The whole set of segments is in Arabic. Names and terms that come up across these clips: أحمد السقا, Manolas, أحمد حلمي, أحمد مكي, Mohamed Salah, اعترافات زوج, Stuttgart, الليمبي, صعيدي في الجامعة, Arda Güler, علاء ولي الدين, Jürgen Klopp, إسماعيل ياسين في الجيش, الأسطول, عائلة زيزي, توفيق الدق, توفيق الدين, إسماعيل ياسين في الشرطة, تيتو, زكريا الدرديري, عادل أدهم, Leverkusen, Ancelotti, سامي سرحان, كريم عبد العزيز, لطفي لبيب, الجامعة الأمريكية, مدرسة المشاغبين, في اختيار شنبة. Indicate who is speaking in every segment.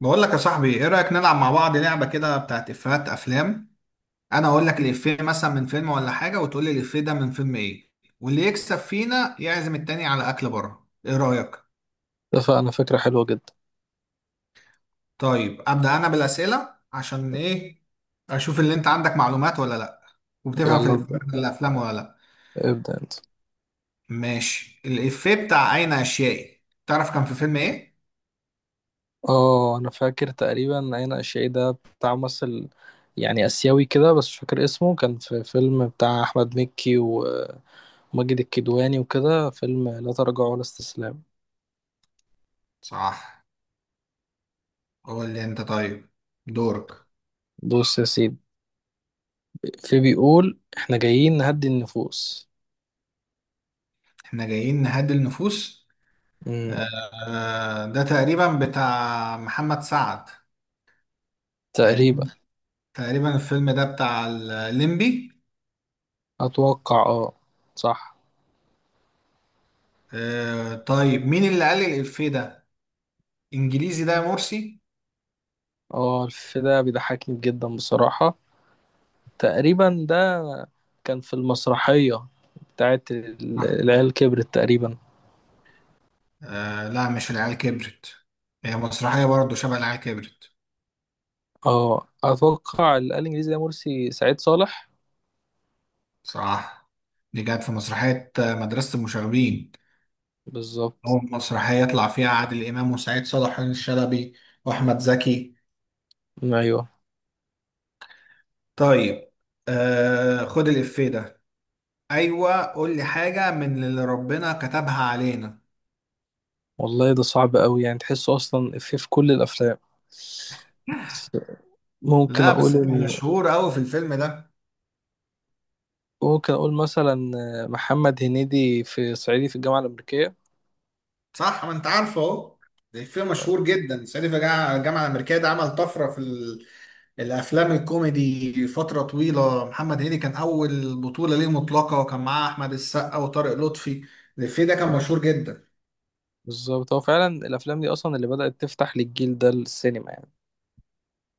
Speaker 1: بقول لك يا صاحبي، ايه رأيك نلعب مع بعض لعبة كده بتاعت افيهات افلام؟ انا اقول لك الافيه مثلا من فيلم ولا حاجة، وتقول لي الافيه ده من فيلم ايه، واللي يكسب فينا يعزم التاني على اكل بره. ايه رأيك؟
Speaker 2: اتفقنا، فكرة حلوة جدا.
Speaker 1: طيب ابدأ انا بالأسئلة، عشان ايه؟ اشوف اللي انت عندك معلومات ولا لا، وبتفهم في
Speaker 2: يلا ابدأ.
Speaker 1: الافيهات ولا الافلام ولا لا.
Speaker 2: ابدأ انت.
Speaker 1: ماشي، الافيه بتاع اين اشيائي، تعرف كان في فيلم ايه؟
Speaker 2: اه، انا فاكر تقريبا عين اشعي ده بتاع ممثل يعني اسيوي كده، بس مش فاكر اسمه. كان في فيلم بتاع احمد مكي وماجد الكدواني وكده، فيلم لا تراجع ولا استسلام.
Speaker 1: صح. قول لي انت طيب، دورك.
Speaker 2: بص يا سيدي، في بيقول احنا جايين نهدي النفوس.
Speaker 1: احنا جايين نهدي النفوس.
Speaker 2: امم
Speaker 1: ده تقريبا بتاع محمد سعد.
Speaker 2: تقريبا.
Speaker 1: تقريبا. تقريبا الفيلم ده بتاع الليمبي.
Speaker 2: اتوقع، اه صح.
Speaker 1: طيب، مين اللي قال لي الإفيه ده انجليزي ده يا مرسي؟
Speaker 2: اه، الفيلم ده بيضحكني جدا بصراحة. تقريبا ده كان في المسرحية بتاعت
Speaker 1: آه.
Speaker 2: العيال كبرت تقريبا.
Speaker 1: لا، مش العيال كبرت، هي مسرحية برضه شبه العيال كبرت.
Speaker 2: اه، اتوقع اللي قال انجليزي ده مرسي سعيد صالح.
Speaker 1: صح، دي كانت في مسرحية مدرسة المشاغبين.
Speaker 2: بالظبط.
Speaker 1: أول مسرحية يطلع فيها عادل إمام وسعيد صالح وحسين الشلبي وأحمد زكي.
Speaker 2: ايوه،
Speaker 1: طيب، خد الإفيه ده: ايوه قول لي حاجه من اللي ربنا كتبها علينا.
Speaker 2: والله ده صعب قوي، يعني تحسه اصلا في كل الافلام. بس ممكن
Speaker 1: لا،
Speaker 2: اقول
Speaker 1: بس كان
Speaker 2: انه،
Speaker 1: مشهور قوي في الفيلم ده.
Speaker 2: ممكن اقول مثلا محمد هنيدي في صعيدي في الجامعة الأمريكية.
Speaker 1: صح، ما انت عارفه اهو. ده فيلم مشهور جدا، صعيدي في الجامعة الامريكيه. ده عمل طفره في الافلام الكوميدي فتره طويله. محمد هنيدي كان اول بطوله ليه مطلقه، وكان معاه احمد السقا وطارق لطفي. الفيلم ده كان مشهور جدا.
Speaker 2: بالظبط، هو فعلا الافلام دي اصلا اللي بدأت تفتح للجيل ده السينما يعني.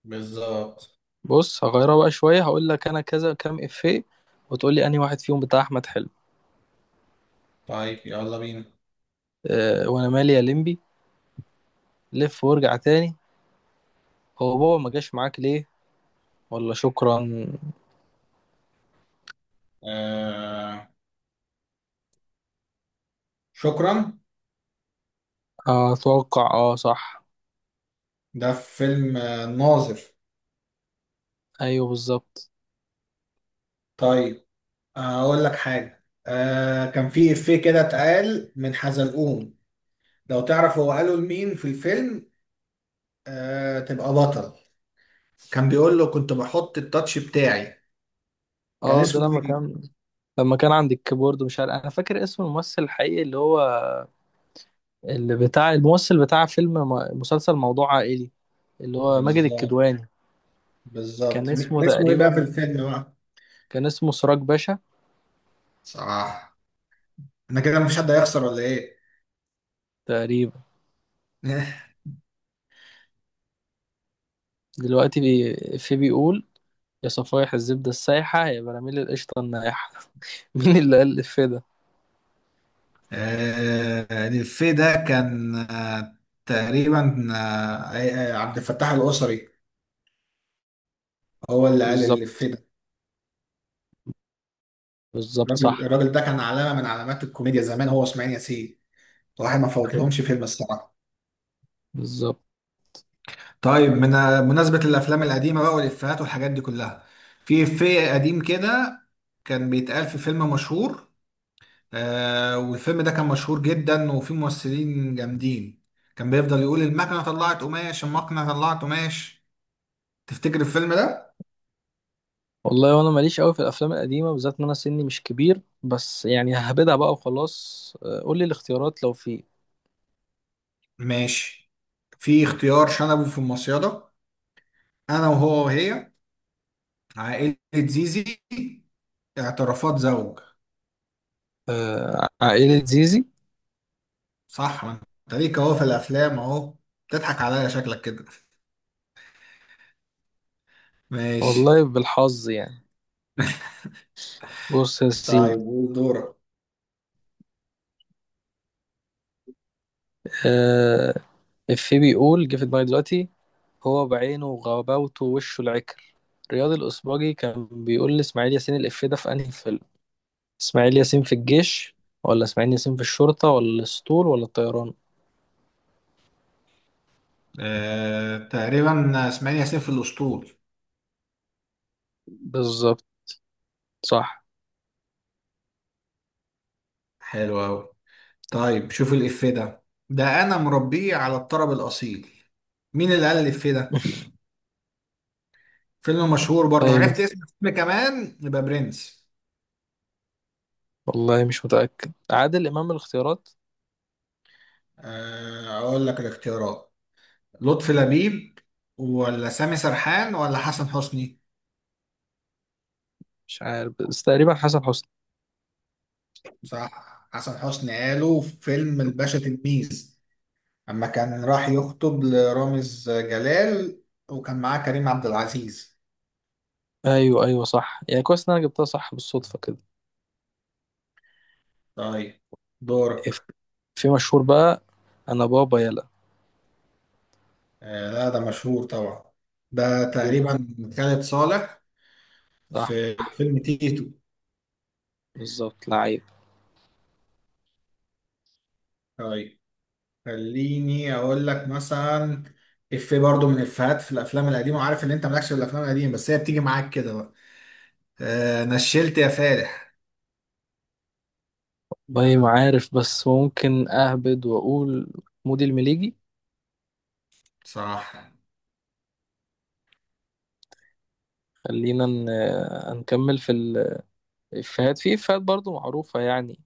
Speaker 1: بالظبط.
Speaker 2: بص، هغيرها بقى شوية. هقول لك انا كذا كام افيه وتقول لي انهي واحد فيهم بتاع احمد حلمي.
Speaker 1: طيب يلا بينا.
Speaker 2: وانا مالي يا لمبي. لف وارجع تاني. هو بابا ما جاش معاك ليه؟ ولا شكرا.
Speaker 1: آه، شكرا.
Speaker 2: آه، اتوقع اه صح.
Speaker 1: ده في فيلم الناظر.
Speaker 2: ايوه بالظبط.
Speaker 1: طيب، هقول لك حاجة. آه، كان في إفيه كده اتقال من حزلقوم، لو تعرف هو قاله لمين في الفيلم. آه، تبقى بطل. كان بيقول له كنت بحط التاتش بتاعي، كان
Speaker 2: اه، ده
Speaker 1: اسمه
Speaker 2: لما
Speaker 1: إيه؟
Speaker 2: كان، لما كان عند الكيبورد. مش عارف، انا فاكر اسم الممثل الحقيقي اللي هو، اللي بتاع الممثل بتاع فيلم مسلسل موضوع عائلي، اللي هو ماجد
Speaker 1: بالظبط.
Speaker 2: الكدواني. كان
Speaker 1: بالظبط،
Speaker 2: اسمه
Speaker 1: كان اسمه إيه بقى
Speaker 2: تقريبا،
Speaker 1: في الفيلم بقى؟
Speaker 2: كان اسمه سراج باشا.
Speaker 1: صح. أنا كده مفيش حد هيخسر ولا إيه؟
Speaker 2: تقريبا. دلوقتي في بيقول يا صفايح الزبدة السايحة يا براميل القشطة النايحة. مين اللي قال الإفيه ده؟
Speaker 1: آه، الإفيه ده كان، آه، تقريبا، آه، عبد الفتاح القصري هو اللي قال الإفيه
Speaker 2: بالظبط.
Speaker 1: ده.
Speaker 2: بالظبط
Speaker 1: الراجل
Speaker 2: صح.
Speaker 1: الراجل ده كان علامه من علامات الكوميديا زمان، هو واسماعيل ياسين. الواحد ما فوتلهمش فيلم الصراحه.
Speaker 2: بالظبط.
Speaker 1: طيب، من مناسبة الأفلام القديمة بقى والإفيهات والحاجات دي كلها، في إفيه قديم كده كان بيتقال في فيلم مشهور، آه، والفيلم ده كان مشهور جدا وفيه ممثلين جامدين. كان بيفضل يقول: المكنة طلعت قماش، المكنة طلعت قماش. تفتكر الفيلم ده؟
Speaker 2: والله وانا ماليش قوي في الافلام القديمه، بالذات ان انا سني مش كبير، بس يعني ههبدها بقى وخلاص. آه، قول لي الاختيارات لو في.
Speaker 1: ماشي، في اختيار: شنبه في المصيدة، أنا وهو وهي، عائلة زيزي، اعترافات زوج.
Speaker 2: آه، عائله زيزي.
Speaker 1: صح، ما انت ليك اهو في الافلام اهو. بتضحك عليا شكلك كده. ماشي.
Speaker 2: والله بالحظ يعني. بص يا سيدي.
Speaker 1: طيب قول، دورك.
Speaker 2: آه، إفيه بيقول، جه في دماغي دلوقتي. هو بعينه وغباوته ووشه العكر. رياض الاسباجي كان بيقول لاسماعيل ياسين الإفيه ده في انهي فيلم؟ اسماعيل ياسين في الجيش، ولا اسماعيل ياسين في الشرطه، ولا الاسطول، ولا الطيران؟
Speaker 1: تقريبا اسماعيل ياسين في الاسطول.
Speaker 2: بالظبط صح.
Speaker 1: حلو اوي. طيب، شوف الافيه ده: ده انا مربيه على الطرب الاصيل. مين اللي قال الافيه ده؟ فيلم مشهور برضه،
Speaker 2: طيب.
Speaker 1: عرفت اسم الفيلم كمان يبقى برنس.
Speaker 2: والله مش متأكد عادل إمام. الاختيارات؟
Speaker 1: اقول لك الاختيارات: لطفي لبيب ولا سامي سرحان ولا حسن حسني.
Speaker 2: مش عارف، بس تقريبا حسن حسني.
Speaker 1: صح، حسن حسني، قالوا في فيلم الباشا تلميذ اما كان راح يخطب لرامز جلال، وكان معاه كريم عبد العزيز.
Speaker 2: أيوه أيوه صح. يعني كويس إن أنا جبتها صح بالصدفة كده.
Speaker 1: طيب،
Speaker 2: إف-
Speaker 1: دورك.
Speaker 2: في مشهور بقى، أنا بابا يلا.
Speaker 1: آه لا، ده مشهور طبعا. ده تقريبا خالد صالح،
Speaker 2: صح
Speaker 1: في فيلم تيتو.
Speaker 2: بالظبط، لعيب.
Speaker 1: طيب، خليني اقول لك مثلا افيه برضو من افيهات في الافلام القديمه، وعارف ان انت مالكش في الافلام القديمه، بس هي بتيجي معاك كده بقى. آه، نشلت يا فالح.
Speaker 2: باي، ما عارف، بس ممكن أهبد وأقول مودي المليجي.
Speaker 1: صح.
Speaker 2: خلينا نكمل في الإفيهات. في إفيهات برضو معروفة يعني،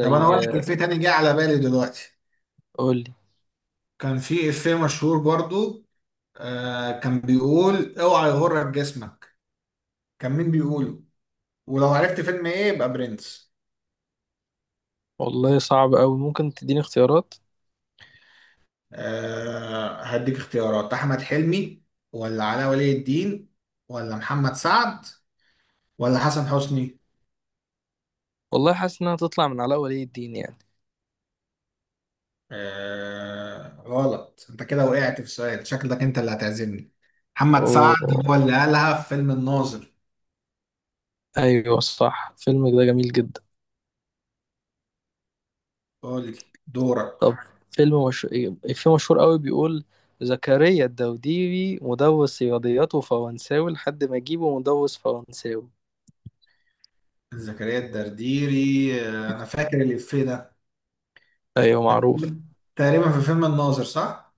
Speaker 1: طب انا اقول لك افيه تاني جه على بالي دلوقتي،
Speaker 2: قولي.
Speaker 1: كان في افيه مشهور برضو، آه، كان بيقول: اوعى يغرك جسمك. كان مين بيقوله؟ ولو عرفت فيلم ايه يبقى برنس.
Speaker 2: والله صعب أوي، ممكن تديني اختيارات.
Speaker 1: آه، هديك اختيارات: احمد حلمي ولا علاء ولي الدين ولا محمد سعد ولا حسن حسني.
Speaker 2: والله حاسس إنها تطلع من علاء ولي الدين يعني.
Speaker 1: آه غلط، انت كده وقعت في سؤال، شكلك انت اللي هتعزمني. محمد سعد هو
Speaker 2: أوه.
Speaker 1: اللي قالها في فيلم الناظر.
Speaker 2: ايوه صح، فيلم ده جميل جدا.
Speaker 1: قول لي، دورك.
Speaker 2: طب، فيلم مش... فيلم مشهور قوي بيقول زكريا الدوديبي مدرس رياضيات وفرنساوي لحد ما يجيبه مدرس فرنساوي.
Speaker 1: زكريا الدرديري، آه، انا فاكر الإفيه ده.
Speaker 2: ايوه معروف.
Speaker 1: تقريبا في فيلم الناظر، صح؟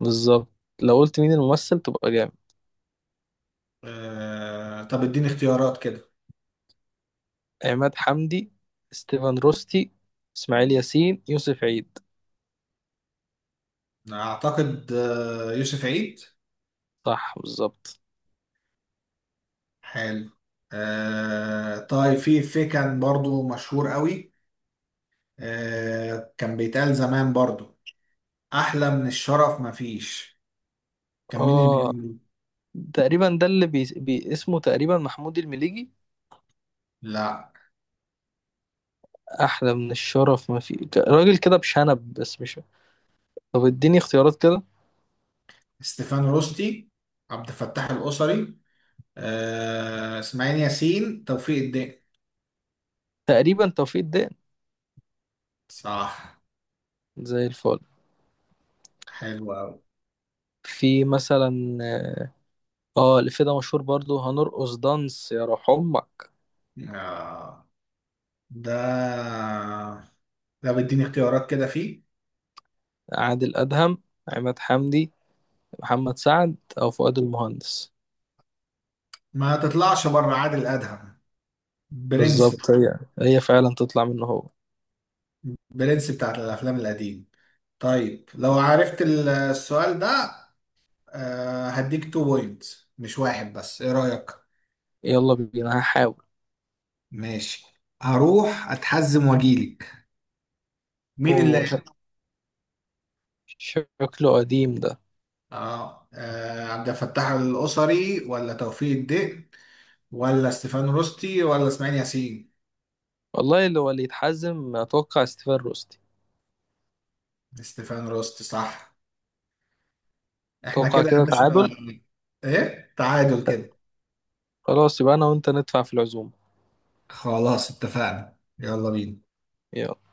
Speaker 2: بالظبط. لو قلت مين الممثل تبقى جامد.
Speaker 1: طب اديني اختيارات كده.
Speaker 2: عماد حمدي، ستيفن روستي، اسماعيل ياسين، يوسف عيد.
Speaker 1: اعتقد يوسف عيد.
Speaker 2: صح بالظبط.
Speaker 1: حلو. طيب، في إفيه كان برضو مشهور قوي، كان بيتقال زمان برضو: احلى من الشرف مفيش. كان مين اللي
Speaker 2: اه،
Speaker 1: بيقوله؟
Speaker 2: تقريبا ده اللي اسمه تقريبا محمود المليجي.
Speaker 1: لا.
Speaker 2: احلى من الشرف ما في، راجل كده بشنب، بس مش. طب اديني اختيارات كده.
Speaker 1: ستيفان روستي، عبد الفتاح القصري، اسماعيل ياسين، توفيق الدين.
Speaker 2: تقريبا توفيق الدقن.
Speaker 1: صح.
Speaker 2: زي الفل.
Speaker 1: حلو قوي.
Speaker 2: في مثلا اه، آه، اللي في ده مشهور برضو، هنرقص دانس يا روح امك.
Speaker 1: آه، ده ده بيديني اختيارات كده فيه.
Speaker 2: عادل ادهم، عماد حمدي، محمد سعد، او فؤاد المهندس.
Speaker 1: ما تطلعش بره، عادل ادهم. برنس.
Speaker 2: بالظبط هي، هي فعلا تطلع منه هو.
Speaker 1: برنس بتاعت الافلام القديم. طيب، لو عرفت السؤال ده، هديك تو بوينتس مش واحد بس، ايه رايك؟
Speaker 2: يلا بينا هحاول.
Speaker 1: ماشي، هروح اتحزم واجيلك. مين
Speaker 2: اوه،
Speaker 1: اللي؟
Speaker 2: شكله قديم ده.
Speaker 1: اه، عبد الفتاح القصري ولا توفيق الدق ولا ستيفان روستي ولا اسماعيل ياسين؟
Speaker 2: والله اللي هو اللي يتحزم، اتوقع ستيفان روستي.
Speaker 1: ستيفان روستي، صح. احنا
Speaker 2: اتوقع
Speaker 1: كده يا
Speaker 2: كده
Speaker 1: باشا.
Speaker 2: تعادل.
Speaker 1: ايه تعادل كده؟
Speaker 2: خلاص، يبقى انا وانت ندفع في العزومه.
Speaker 1: خلاص، اتفقنا، يلا بينا.
Speaker 2: يلا.